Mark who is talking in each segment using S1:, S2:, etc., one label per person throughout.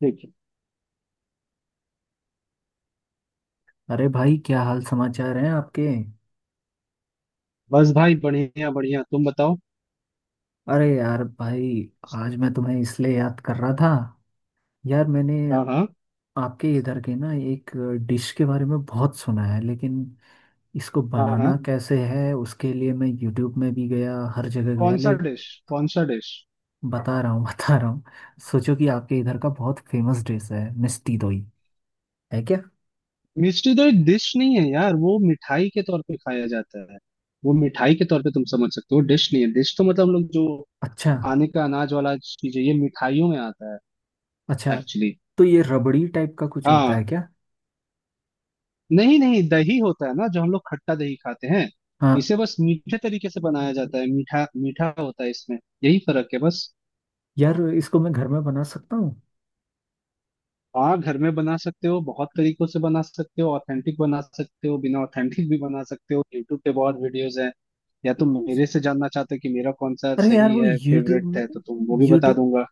S1: ठीक है।
S2: अरे भाई, क्या हाल समाचार हैं आपके।
S1: बस भाई, बढ़िया बढ़िया, तुम बताओ।
S2: अरे यार भाई, आज मैं तुम्हें इसलिए याद कर रहा था। यार मैंने
S1: हाँ हाँ,
S2: आपके इधर के ना एक डिश के बारे में बहुत सुना है, लेकिन इसको
S1: हाँ हाँ।
S2: बनाना कैसे है उसके लिए मैं यूट्यूब में भी गया, हर जगह गया
S1: कौन सा
S2: ले
S1: डिश, कौन सा डिश?
S2: बता रहा हूँ बता रहा हूँ। सोचो कि आपके इधर का बहुत फेमस डिश है मिष्टी दोई, है क्या।
S1: मिस्ट्री तो एक डिश नहीं है यार, वो मिठाई के तौर पे खाया जाता है। वो मिठाई के तौर पे तुम समझ सकते हो, डिश नहीं है। डिश तो मतलब हम लोग जो
S2: अच्छा,
S1: खाने का अनाज वाला चीज है, ये मिठाइयों में आता
S2: अच्छा।
S1: है एक्चुअली।
S2: तो ये रबड़ी टाइप का कुछ होता है
S1: हाँ,
S2: क्या।
S1: नहीं नहीं, दही होता है ना, जो हम लोग खट्टा दही खाते हैं।
S2: हाँ,
S1: इसे बस मीठे तरीके से बनाया जाता है, मीठा मीठा होता है इसमें। यही फर्क है बस।
S2: यार इसको मैं घर में बना सकता
S1: हाँ, घर में बना सकते हो, बहुत तरीकों से बना सकते हो, ऑथेंटिक बना सकते हो, बिना ऑथेंटिक भी बना सकते हो, यूट्यूब पे बहुत वीडियोस हैं। या तुम
S2: हूँ।
S1: मेरे से जानना चाहते हो कि मेरा कौन सा
S2: अरे यार
S1: सही
S2: वो
S1: है, फेवरेट है, तो तुम, वो भी बता
S2: यूट्यूब
S1: दूंगा।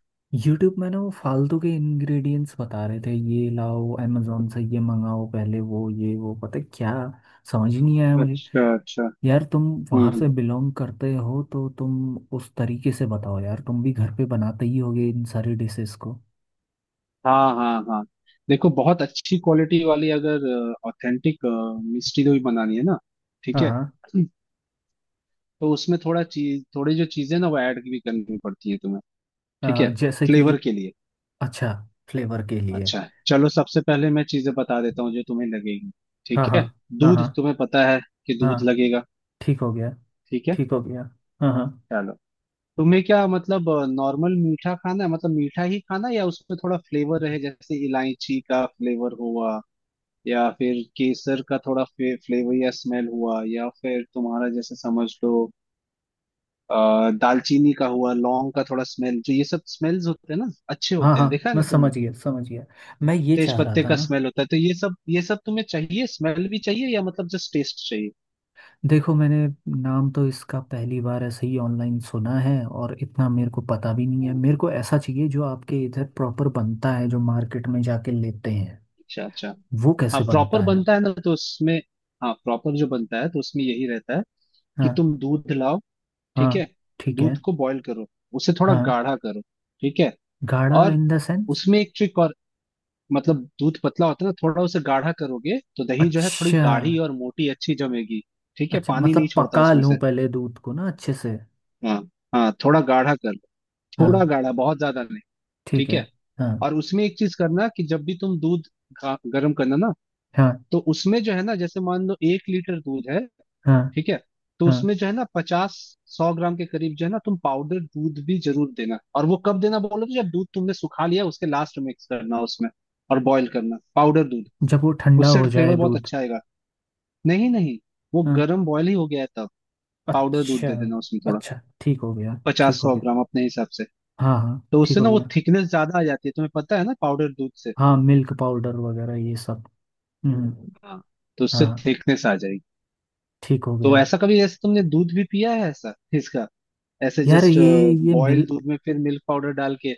S2: यूट्यूब में ना वो फालतू के इंग्रेडिएंट्स बता रहे थे, ये लाओ अमेजोन से, ये मंगाओ पहले, वो ये वो, पता है क्या, समझ ही नहीं आया मुझे।
S1: अच्छा अच्छा।
S2: यार तुम वहां
S1: हम्म
S2: से बिलोंग करते हो तो तुम उस तरीके से बताओ यार, तुम भी घर पे बनाते ही होगे इन सारी डिशेस को।
S1: हाँ हाँ हाँ। देखो, बहुत अच्छी क्वालिटी वाली अगर ऑथेंटिक मिष्टी दही बनानी है ना,
S2: हाँ
S1: ठीक है,
S2: हाँ।
S1: तो उसमें थोड़ा चीज, थोड़ी जो चीजें ना, वो ऐड भी करनी पड़ती है तुम्हें। ठीक है,
S2: जैसे कि
S1: फ्लेवर के लिए।
S2: अच्छा, फ्लेवर के लिए।
S1: अच्छा, चलो सबसे पहले मैं चीजें बता देता हूँ जो तुम्हें लगेगी।
S2: हाँ
S1: ठीक
S2: हाँ
S1: है,
S2: हाँ
S1: दूध,
S2: हाँ
S1: तुम्हें पता है कि
S2: हाँ,
S1: दूध लगेगा।
S2: ठीक हो गया,
S1: ठीक है,
S2: ठीक हो गया। हाँ हाँ
S1: चलो। तुम्हें क्या, मतलब नॉर्मल मीठा खाना है, मतलब मीठा ही खाना है, या उसमें थोड़ा फ्लेवर रहे, जैसे इलायची का फ्लेवर हुआ, या फिर केसर का थोड़ा फ्लेवर या स्मेल हुआ, या फिर तुम्हारा, जैसे समझ लो, दालचीनी का हुआ, लौंग का थोड़ा स्मेल, जो ये सब स्मेल्स होते हैं ना अच्छे
S2: हाँ
S1: होते
S2: हाँ,
S1: हैं, देखा है
S2: मैं
S1: ना तुमने।
S2: समझ गया, समझ गया। मैं ये
S1: तेज
S2: चाह रहा
S1: पत्ते
S2: था
S1: का
S2: ना।
S1: स्मेल होता है। तो ये सब, ये सब तुम्हें चाहिए? स्मेल भी चाहिए या मतलब जस्ट टेस्ट चाहिए?
S2: देखो मैंने नाम तो इसका पहली बार ऐसे ही ऑनलाइन सुना है, और इतना मेरे को पता भी नहीं है।
S1: हम्म,
S2: मेरे को ऐसा चाहिए जो आपके इधर प्रॉपर बनता है, जो मार्केट में जाके लेते हैं।
S1: अच्छा अच्छा।
S2: वो
S1: हाँ
S2: कैसे बनता
S1: प्रॉपर
S2: है।
S1: बनता है ना, तो उसमें, हाँ प्रॉपर जो बनता है तो उसमें यही रहता है कि
S2: हाँ
S1: तुम दूध लाओ।
S2: हाँ।
S1: ठीक है,
S2: ठीक है।
S1: दूध को बॉईल करो, उसे थोड़ा
S2: हाँ,
S1: गाढ़ा करो। ठीक है,
S2: गाढ़ा
S1: और
S2: इन द सेंस।
S1: उसमें एक ट्रिक और, मतलब दूध पतला होता है ना, थोड़ा उसे गाढ़ा करोगे तो दही जो है थोड़ी
S2: अच्छा,
S1: गाढ़ी और मोटी अच्छी जमेगी। ठीक है,
S2: अच्छा
S1: पानी नहीं
S2: मतलब
S1: छोड़ता
S2: पका
S1: उसमें
S2: लूं
S1: से।
S2: पहले दूध को ना अच्छे से।
S1: हाँ हाँ, थोड़ा गाढ़ा कर लो,
S2: हाँ,
S1: थोड़ा गाढ़ा, बहुत ज्यादा नहीं।
S2: ठीक
S1: ठीक
S2: है।
S1: है।
S2: हाँ
S1: और उसमें एक चीज करना, कि जब भी तुम दूध गर्म करना ना,
S2: हाँ
S1: तो उसमें जो है ना, जैसे मान लो 1 लीटर दूध है,
S2: हाँ
S1: ठीक है, तो
S2: हाँ।
S1: उसमें जो है ना, 50 100 ग्राम के करीब जो है ना, तुम पाउडर दूध भी जरूर देना। और वो कब देना बोलो तो, जब दूध तुमने सुखा लिया उसके लास्ट में मिक्स करना उसमें, और बॉईल करना पाउडर दूध,
S2: जब वो ठंडा
S1: उससे
S2: हो जाए
S1: फ्लेवर बहुत
S2: दूध।
S1: अच्छा आएगा। नहीं नहीं, वो
S2: हाँ,
S1: गर्म बॉईल ही हो गया है तब पाउडर दूध
S2: अच्छा,
S1: दे देना उसमें थोड़ा,
S2: अच्छा ठीक हो गया, ठीक
S1: पचास
S2: हो
S1: सौ
S2: गया।
S1: ग्राम अपने हिसाब से।
S2: हाँ हाँ,
S1: तो
S2: ठीक
S1: उससे
S2: हो
S1: ना वो
S2: गया।
S1: थिकनेस ज्यादा आ जाती है, तुम्हें पता है ना, पाउडर दूध से।
S2: हाँ, मिल्क पाउडर वगैरह ये सब। हम्म।
S1: हाँ, तो उससे
S2: हाँ,
S1: थिकनेस आ जाएगी।
S2: ठीक हो
S1: तो
S2: गया।
S1: ऐसा, कभी जैसे तुमने दूध भी पिया है ऐसा, इसका ऐसे
S2: यार
S1: जस्ट
S2: ये मिल
S1: बॉइल्ड दूध में फिर मिल्क पाउडर डाल के।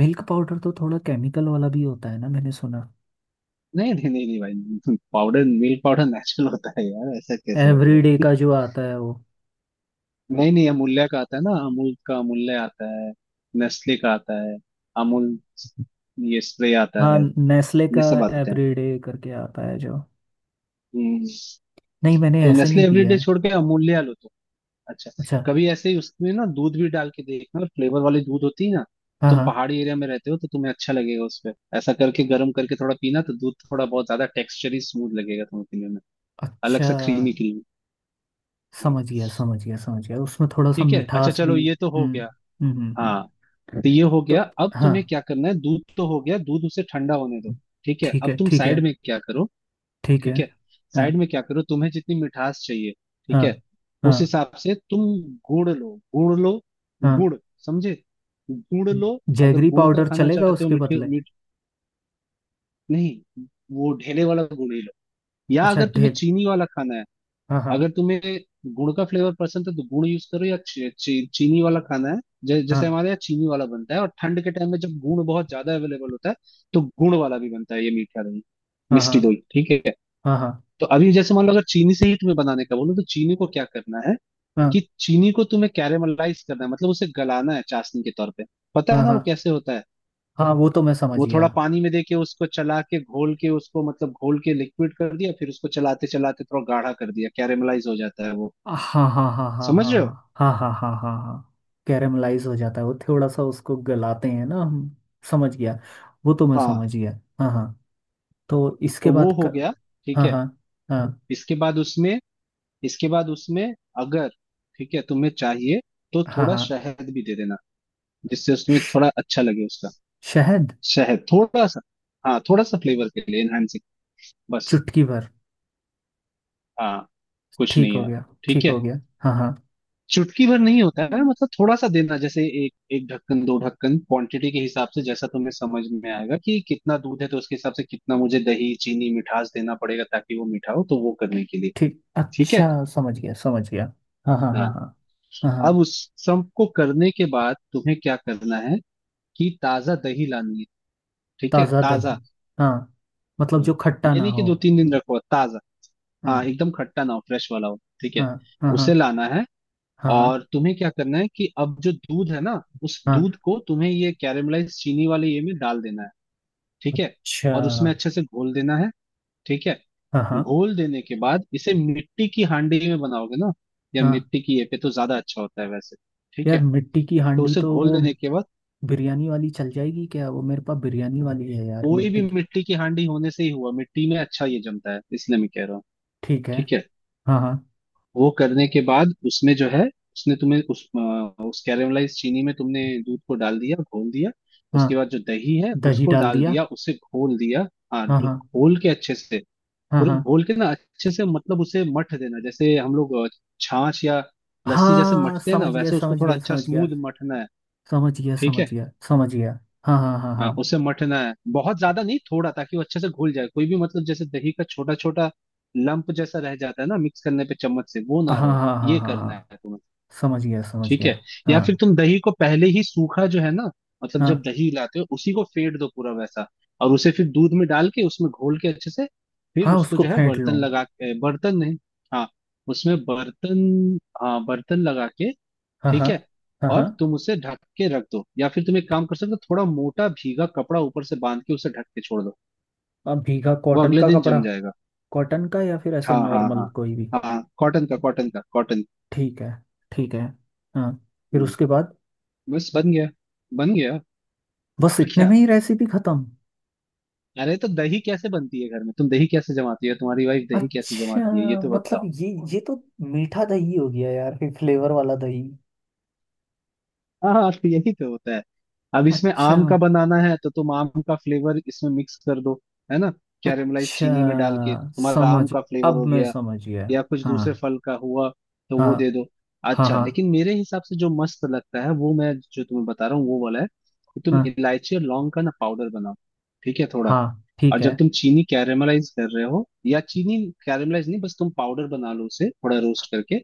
S2: मिल्क पाउडर तो थोड़ा केमिकल वाला भी होता है ना, मैंने सुना
S1: नहीं नहीं नहीं नहीं भाई पाउडर, मिल्क पाउडर नेचुरल होता है यार, ऐसा कैसे बोल रहे
S2: एवरीडे का जो आता है वो।
S1: हो। नहीं नहीं, अमूल्य का आता है ना, अमूल का अमूल्य आता है, नेस्ले का आता है, अमूल, ये स्प्रे आता
S2: हाँ,
S1: है,
S2: नेस्ले
S1: ये
S2: का
S1: सब आते हैं।
S2: एवरीडे करके आता है जो।
S1: हम्म,
S2: नहीं, मैंने
S1: तो
S2: ऐसे
S1: नेस्ले
S2: नहीं पिया
S1: एवरीडे
S2: है।
S1: छोड़ के अमूल्य लो। अच्छा,
S2: अच्छा।
S1: कभी ऐसे ही उसमें ना दूध भी डाल के देखना, फ्लेवर वाली दूध होती है ना।
S2: हाँ
S1: तुम
S2: हाँ।
S1: पहाड़ी एरिया में रहते हो, तो तुम्हें अच्छा लगेगा, उसपे ऐसा करके, गर्म करके थोड़ा पीना, तो दूध थोड़ा बहुत ज्यादा टेक्सचरी स्मूथ लगेगा तुम्हें पीने में, अलग
S2: अच्छा,
S1: सा, क्रीमी क्रीमी।
S2: समझ गया, समझ गया, समझ गया, उसमें थोड़ा सा
S1: ठीक है, अच्छा,
S2: मिठास
S1: चलो
S2: भी।
S1: ये तो हो
S2: हम्म
S1: गया।
S2: हम्म।
S1: हाँ, तो
S2: हम्म।
S1: ये हो गया।
S2: तो
S1: अब
S2: हाँ
S1: तुम्हें क्या करना है, दूध तो हो गया, दूध उसे ठंडा होने दो। ठीक है,
S2: ठीक
S1: अब
S2: है,
S1: तुम
S2: ठीक है,
S1: साइड में क्या करो।
S2: ठीक है।
S1: ठीक है,
S2: हाँ
S1: साइड में क्या करो, तुम्हें जितनी मिठास चाहिए, ठीक
S2: हाँ
S1: है,
S2: हाँ
S1: उस हिसाब से तुम गुड़ लो, गुड़ लो,
S2: हाँ।
S1: गुड़, समझे, गुड़ लो। अगर
S2: जैगरी
S1: गुड़ का
S2: पाउडर
S1: खाना
S2: चलेगा
S1: चाहते हो,
S2: उसके
S1: मीठे
S2: बदले।
S1: मीठ, नहीं, वो ढेले वाला गुड़ ही लो। या
S2: अच्छा
S1: अगर तुम्हें
S2: ढेल,
S1: चीनी वाला खाना है,
S2: हाँ हाँ।
S1: अगर तुम्हें गुड़ का फ्लेवर पसंद है तो गुड़ यूज करो, या ची, ची, चीनी वाला खाना है। जैसे
S2: हाँ
S1: हमारे यहाँ चीनी वाला बनता है, और ठंड के टाइम में जब गुड़ बहुत ज्यादा अवेलेबल होता है तो गुड़ वाला भी बनता है ये मीठा दही,
S2: हाँ हाँ
S1: मिष्टी दही। ठीक है,
S2: हाँ हाँ
S1: तो अभी जैसे मान लो, अगर चीनी से ही तुम्हें बनाने का बोलो, तो चीनी को क्या करना है कि चीनी को तुम्हें कैरेमलाइज करना है, मतलब उसे गलाना है चाशनी के तौर पे, पता
S2: हाँ
S1: है
S2: हाँ
S1: ना वो
S2: हाँ
S1: कैसे होता है।
S2: हाँ। वो तो मैं समझ
S1: वो थोड़ा
S2: गया।
S1: पानी में देके, उसको चला के, घोल के उसको, मतलब घोल के लिक्विड कर दिया, फिर उसको चलाते चलाते थोड़ा गाढ़ा कर दिया, कैरेमलाइज हो जाता है वो।
S2: हाँ हाँ हाँ हाँ
S1: समझ रहे हो?
S2: हाँ हाँ हाँ हाँ हाँ हाँ हाँ। कैरेमलाइज हो जाता है वो, थोड़ा सा उसको गलाते हैं ना हम। समझ गया, वो तो मैं
S1: हाँ,
S2: समझ गया। हाँ हाँ। तो
S1: तो
S2: इसके
S1: वो
S2: बाद क
S1: हो गया। ठीक
S2: हाँ
S1: है,
S2: हाँ हाँ
S1: इसके बाद उसमें, इसके बाद उसमें, अगर, ठीक है, तुम्हें चाहिए तो
S2: हाँ
S1: थोड़ा
S2: हाँ।
S1: शहद भी दे देना, जिससे उसमें
S2: श-
S1: थोड़ा अच्छा लगे उसका,
S2: शहद,
S1: शहद थोड़ा सा। हाँ, थोड़ा सा, फ्लेवर के लिए एनहांसिंग बस।
S2: चुटकी भर।
S1: हाँ, कुछ
S2: ठीक
S1: नहीं
S2: हो
S1: है।
S2: गया,
S1: ठीक
S2: ठीक
S1: है,
S2: हो गया। हाँ हाँ।
S1: चुटकी भर नहीं होता है, मतलब थोड़ा सा देना, जैसे एक एक ढक्कन दो ढक्कन, क्वांटिटी के हिसाब से, जैसा तुम्हें समझ में आएगा कि कितना दूध है, तो उसके हिसाब से कितना मुझे दही, चीनी, मिठास देना पड़ेगा, ताकि वो मीठा हो, तो वो करने के लिए।
S2: ठीक,
S1: ठीक है,
S2: अच्छा, समझ गया, समझ गया। हाँ हाँ हाँ
S1: हाँ।
S2: हाँ हाँ
S1: अब
S2: हाँ।
S1: उस सबको करने के बाद तुम्हें क्या करना है, कि ताजा दही लानी है। ठीक है,
S2: ताज़ा
S1: ताजा।
S2: दही, हाँ, मतलब
S1: हम्म।
S2: जो खट्टा
S1: ये
S2: ना
S1: नहीं कि
S2: हो।
S1: 2 3 दिन रखो, ताजा। हाँ,
S2: हाँ
S1: एकदम खट्टा ना हो, फ्रेश वाला हो। ठीक है,
S2: हाँ हाँ। हाँ
S1: उसे लाना है।
S2: हाँ हाँ
S1: और तुम्हें क्या करना है, कि अब जो दूध है ना, उस
S2: हाँ।
S1: दूध को तुम्हें ये कैरामलाइज चीनी वाले ये में डाल देना है। ठीक है,
S2: अच्छा।
S1: और उसमें अच्छे से घोल देना है। ठीक है,
S2: हाँ हाँ
S1: घोल देने के बाद, इसे मिट्टी की हांडी में बनाओगे ना, या
S2: हाँ।
S1: मिट्टी की ये पे, तो ज्यादा अच्छा होता है वैसे। ठीक है,
S2: यार मिट्टी की
S1: तो
S2: हांडी
S1: उसे
S2: तो
S1: घोल
S2: वो
S1: देने के बाद,
S2: बिरयानी वाली चल जाएगी क्या, वो मेरे पास बिरयानी वाली है यार
S1: कोई भी
S2: मिट्टी की।
S1: मिट्टी की हांडी होने से ही हुआ, मिट्टी में अच्छा ये जमता है, इसलिए मैं कह रहा हूँ।
S2: ठीक है।
S1: ठीक है,
S2: हाँ हाँ।
S1: वो करने के बाद उसमें जो है, उसने तुम्हें उस उस कैरामलाइज चीनी में तुमने दूध को डाल दिया, घोल दिया।
S2: हाँ,
S1: उसके बाद जो दही है
S2: दही
S1: उसको
S2: डाल
S1: डाल
S2: दिया।
S1: दिया, उसे घोल दिया। हाँ
S2: हाँ
S1: दू-
S2: हाँ
S1: घोल के अच्छे से,
S2: हाँ
S1: पूरा
S2: हाँ
S1: घोल के ना अच्छे से, मतलब उसे मठ देना, जैसे हम लोग छाछ या लस्सी जैसे
S2: हाँ।
S1: मठते हैं ना,
S2: समझ गया,
S1: वैसे उसको
S2: समझ
S1: थोड़ा
S2: गया,
S1: अच्छा
S2: समझ गया,
S1: स्मूथ मठना है।
S2: समझ गया,
S1: ठीक है,
S2: समझ गया, समझ गया। हाँ हाँ हाँ
S1: हाँ,
S2: हाँ
S1: उसे मठना है, बहुत ज्यादा नहीं, थोड़ा, ताकि वो अच्छे से घुल जाए। कोई भी मतलब, जैसे दही का छोटा छोटा लंप जैसा रह जाता है ना मिक्स करने पे चम्मच से, वो
S2: हाँ
S1: ना रहे,
S2: हाँ हाँ हाँ
S1: ये करना
S2: हाँ।
S1: है तुम्हें।
S2: समझ गया, समझ
S1: ठीक
S2: गया।
S1: है, या फिर
S2: हाँ।
S1: तुम दही को पहले ही सूखा, जो है ना, मतलब जब
S2: हाँ,
S1: दही लाते हो, उसी को फेट दो पूरा वैसा, और उसे फिर दूध में डाल के, उसमें घोल के अच्छे से, फिर
S2: हाँ,
S1: उसको
S2: उसको
S1: जो है
S2: फेंट लो।
S1: बर्तन लगा के, बर्तन नहीं, हाँ उसमें बर्तन, हाँ बर्तन लगा के।
S2: हाँ हाँ
S1: ठीक है,
S2: हाँ
S1: और
S2: हाँ।
S1: तुम उसे ढक के रख दो, या फिर तुम एक काम कर सकते हो, थोड़ा मोटा भीगा कपड़ा ऊपर से बांध के उसे ढक के छोड़ दो,
S2: अब भीगा
S1: वो
S2: कॉटन
S1: अगले
S2: का
S1: दिन
S2: कपड़ा,
S1: जम जाएगा।
S2: कॉटन का या फिर ऐसे
S1: हाँ हाँ, हाँ
S2: नॉर्मल कोई भी।
S1: हाँ हाँ, कॉटन का, कॉटन का, कॉटन।
S2: ठीक है, ठीक है। हाँ। फिर
S1: हम्म,
S2: उसके बाद
S1: बस बन गया, बन गया,
S2: बस
S1: और
S2: इतने
S1: क्या।
S2: में ही रेसिपी खत्म।
S1: अरे तो दही कैसे बनती है घर में? तुम दही कैसे जमाती हो, तुम्हारी वाइफ दही कैसे
S2: अच्छा
S1: जमाती है, ये तो
S2: मतलब
S1: बताओ।
S2: ये तो मीठा दही हो गया यार, फिर फ्लेवर वाला दही।
S1: हाँ हाँ, तो यही तो होता है। अब इसमें
S2: अच्छा,
S1: आम का बनाना है तो तुम आम का फ्लेवर इसमें मिक्स कर दो, है ना, कैरेमलाइज
S2: अच्छा,
S1: चीनी में डाल के तुम्हारा आम
S2: समझ,
S1: का फ्लेवर हो
S2: अब मैं
S1: गया,
S2: समझ गया।
S1: या कुछ दूसरे
S2: हाँ
S1: फल का हुआ तो वो दे
S2: हाँ
S1: दो।
S2: हाँ।
S1: अच्छा,
S2: हाँ
S1: लेकिन मेरे हिसाब से जो मस्त लगता है, वो मैं जो तुम्हें बता रहा हूँ वो वाला है, कि तुम
S2: हाँ
S1: इलायची और लौंग का ना पाउडर बनाओ। ठीक है, थोड़ा।
S2: हाँ,
S1: और
S2: ठीक
S1: जब
S2: है।
S1: तुम चीनी कैरेमलाइज कर रहे हो, या चीनी कैरेमलाइज नहीं, बस तुम पाउडर बना लो उसे थोड़ा रोस्ट करके,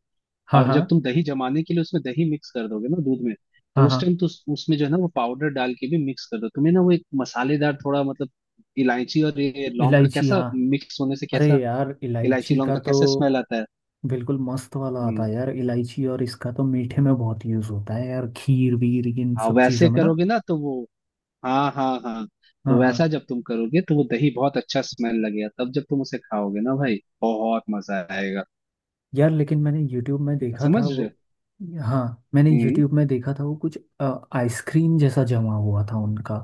S2: हाँ
S1: और
S2: हाँ
S1: जब तुम दही जमाने के लिए उसमें दही मिक्स कर दोगे ना दूध में, तो
S2: हाँ
S1: उस
S2: हाँ।
S1: टाइम तो उसमें जो है ना वो पाउडर डाल के भी मिक्स कर दो, तुम्हें ना वो एक मसालेदार थोड़ा, मतलब इलायची और ये लौंग का
S2: इलायची,
S1: कैसा,
S2: हाँ।
S1: मिक्स होने से
S2: अरे
S1: कैसा,
S2: यार
S1: इलायची
S2: इलायची
S1: लौंग
S2: का
S1: का
S2: तो
S1: कैसा स्मेल आता है।
S2: बिल्कुल मस्त वाला आता
S1: हम्म
S2: है यार, इलायची और इसका तो मीठे में बहुत यूज होता है यार, खीर वीर इन
S1: हाँ,
S2: सब
S1: वैसे
S2: चीजों में ना।
S1: करोगे ना तो वो, हाँ हाँ हाँ।
S2: हाँ
S1: तो
S2: हाँ।
S1: वैसा जब तुम करोगे तो वो दही बहुत अच्छा स्मेल लगेगा, तब जब तुम उसे खाओगे ना भाई, बहुत मजा आएगा।
S2: यार लेकिन मैंने YouTube में देखा
S1: समझ
S2: था वो,
S1: रहे हो?
S2: हाँ, मैंने
S1: हम्म
S2: YouTube में देखा था वो कुछ आइसक्रीम जैसा जमा हुआ था उनका,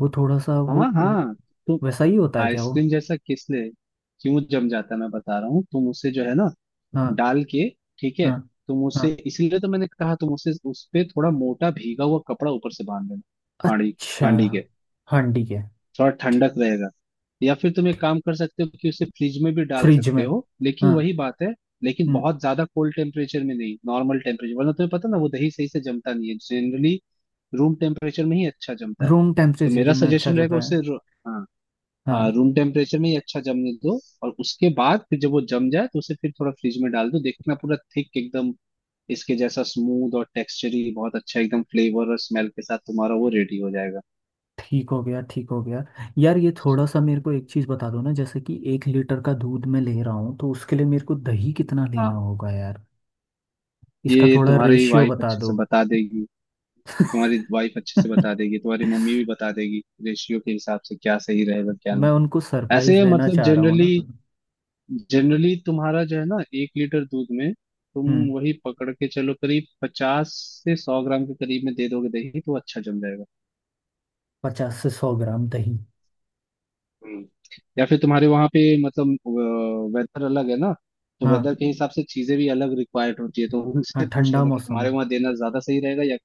S2: वो थोड़ा सा
S1: हाँ
S2: वो
S1: हाँ। तो
S2: वैसा ही होता है क्या वो।
S1: आइसक्रीम जैसा किसले, क्यों जम जाता है मैं बता रहा हूँ। तुम उसे जो है ना,
S2: हाँ
S1: डाल के, ठीक है,
S2: हाँ
S1: तुम
S2: हाँ।
S1: उसे, इसीलिए तो मैंने कहा, तुम उसे उस पे थोड़ा मोटा भीगा हुआ कपड़ा ऊपर से बांध लेना, हांडी की,
S2: अच्छा,
S1: हांडी के,
S2: हाँ ठीक है।
S1: थोड़ा ठंडक रहेगा। या फिर तुम एक काम कर सकते हो कि उसे फ्रिज में भी डाल
S2: फ्रिज
S1: सकते
S2: में,
S1: हो, लेकिन
S2: हाँ।
S1: वही बात है, लेकिन
S2: हम्म,
S1: बहुत ज्यादा कोल्ड टेम्परेचर में नहीं, नॉर्मल टेम्परेचर, वरना तुम्हें पता ना वो दही सही से जमता नहीं है जनरली, रूम टेम्परेचर में ही अच्छा जमता है।
S2: रूम
S1: तो मेरा
S2: टेम्परेचर में अच्छा
S1: सजेशन
S2: जम
S1: रहेगा
S2: रहा है।
S1: हाँ, हाँ,
S2: हाँ,
S1: रूम टेम्परेचर में ही अच्छा जमने दो, और उसके बाद फिर जब वो जम जाए तो उसे फिर थोड़ा फ्रिज में डाल दो, देखना पूरा थिक एकदम इसके जैसा स्मूथ और टेक्सचरी, बहुत अच्छा एकदम, फ्लेवर और स्मेल के साथ तुम्हारा वो रेडी हो जाएगा।
S2: ठीक हो गया, ठीक हो गया। यार ये थोड़ा सा मेरे को एक चीज़ बता दो ना, जैसे कि 1 लीटर का दूध मैं ले रहा हूँ, तो उसके लिए मेरे को दही कितना लेना
S1: हाँ,
S2: होगा यार, इसका
S1: ये
S2: थोड़ा
S1: तुम्हारी
S2: रेशियो
S1: वाइफ
S2: बता
S1: अच्छे से
S2: दो।
S1: बता देगी, तुम्हारी वाइफ अच्छे से बता देगी, तुम्हारी मम्मी भी बता देगी रेशियो के हिसाब से क्या सही रहेगा क्या
S2: मैं
S1: नहीं।
S2: उनको सरप्राइज
S1: ऐसे,
S2: देना
S1: मतलब
S2: चाह रहा हूँ ना।
S1: जनरली, जनरली तुम्हारा जो है ना, 1 लीटर दूध में तुम
S2: हम्म,
S1: वही पकड़ के चलो, करीब 50 से 100 ग्राम के करीब में दे दोगे दही, तो अच्छा जम जाएगा।
S2: 50 से 100 ग्राम दही।
S1: हम्म या फिर तुम्हारे वहां पे, मतलब वेदर अलग है ना, तो वेदर
S2: हाँ
S1: के हिसाब से चीजें भी अलग रिक्वायर्ड होती है, तो
S2: हाँ,
S1: उनसे पूछ
S2: ठंडा
S1: लेना कि
S2: मौसम
S1: तुम्हारे
S2: है।
S1: वहां देना ज्यादा सही रहेगा या,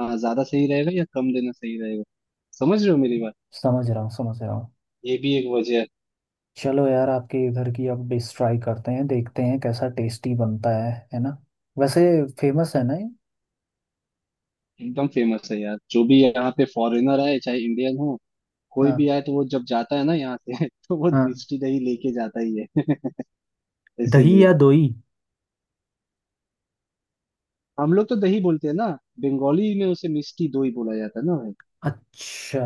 S1: हाँ, ज्यादा सही रहेगा या कम देना सही रहेगा। समझ रहे हो मेरी बात?
S2: समझ रहा हूँ, समझ रहा हूँ।
S1: ये भी एक वजह है।
S2: चलो यार, आपके इधर की अब डिश ट्राई करते हैं, देखते हैं कैसा टेस्टी बनता है ना। वैसे फेमस है ना ये।
S1: एकदम फेमस है यार, जो भी यहाँ पे फॉरेनर आए, चाहे इंडियन हो, कोई
S2: हाँ
S1: भी आए तो वो जब जाता है ना यहाँ से तो वो
S2: हाँ।
S1: मिष्टी दही लेके जाता ही है
S2: दही
S1: इसीलिए,
S2: या दोई।
S1: हम लोग तो दही बोलते हैं ना, बंगाली में उसे मिष्टी दोई बोला जाता है ना भाई,
S2: अच्छा,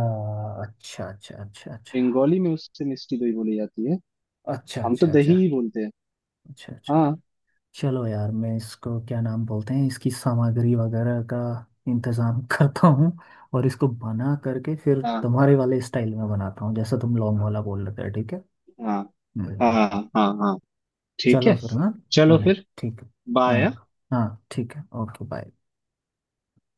S2: अच्छा, अच्छा, अच्छा, अच्छा,
S1: बंगाली में उससे मिष्टी दोई बोली जाती है।
S2: अच्छा,
S1: हम तो
S2: अच्छा, अच्छा,
S1: दही ही बोलते हैं।
S2: अच्छा, अच्छा।
S1: हाँ
S2: चलो यार, मैं इसको क्या नाम बोलते हैं इसकी सामग्री वगैरह का इंतजाम करता हूँ, और इसको बना करके फिर
S1: हाँ,
S2: तुम्हारे वाले स्टाइल में बनाता हूँ, जैसा तुम लॉन्ग वाला बोल रहे थे, ठीक है।
S1: हाँ हाँ
S2: हम्म,
S1: हाँ, हाँ हाँ, ठीक
S2: चलो
S1: है।
S2: फिर, हाँ। हाँ
S1: चलो फिर,
S2: ठीक है।
S1: बाय।
S2: हाँ हाँ, ठीक है, ओके, बाय।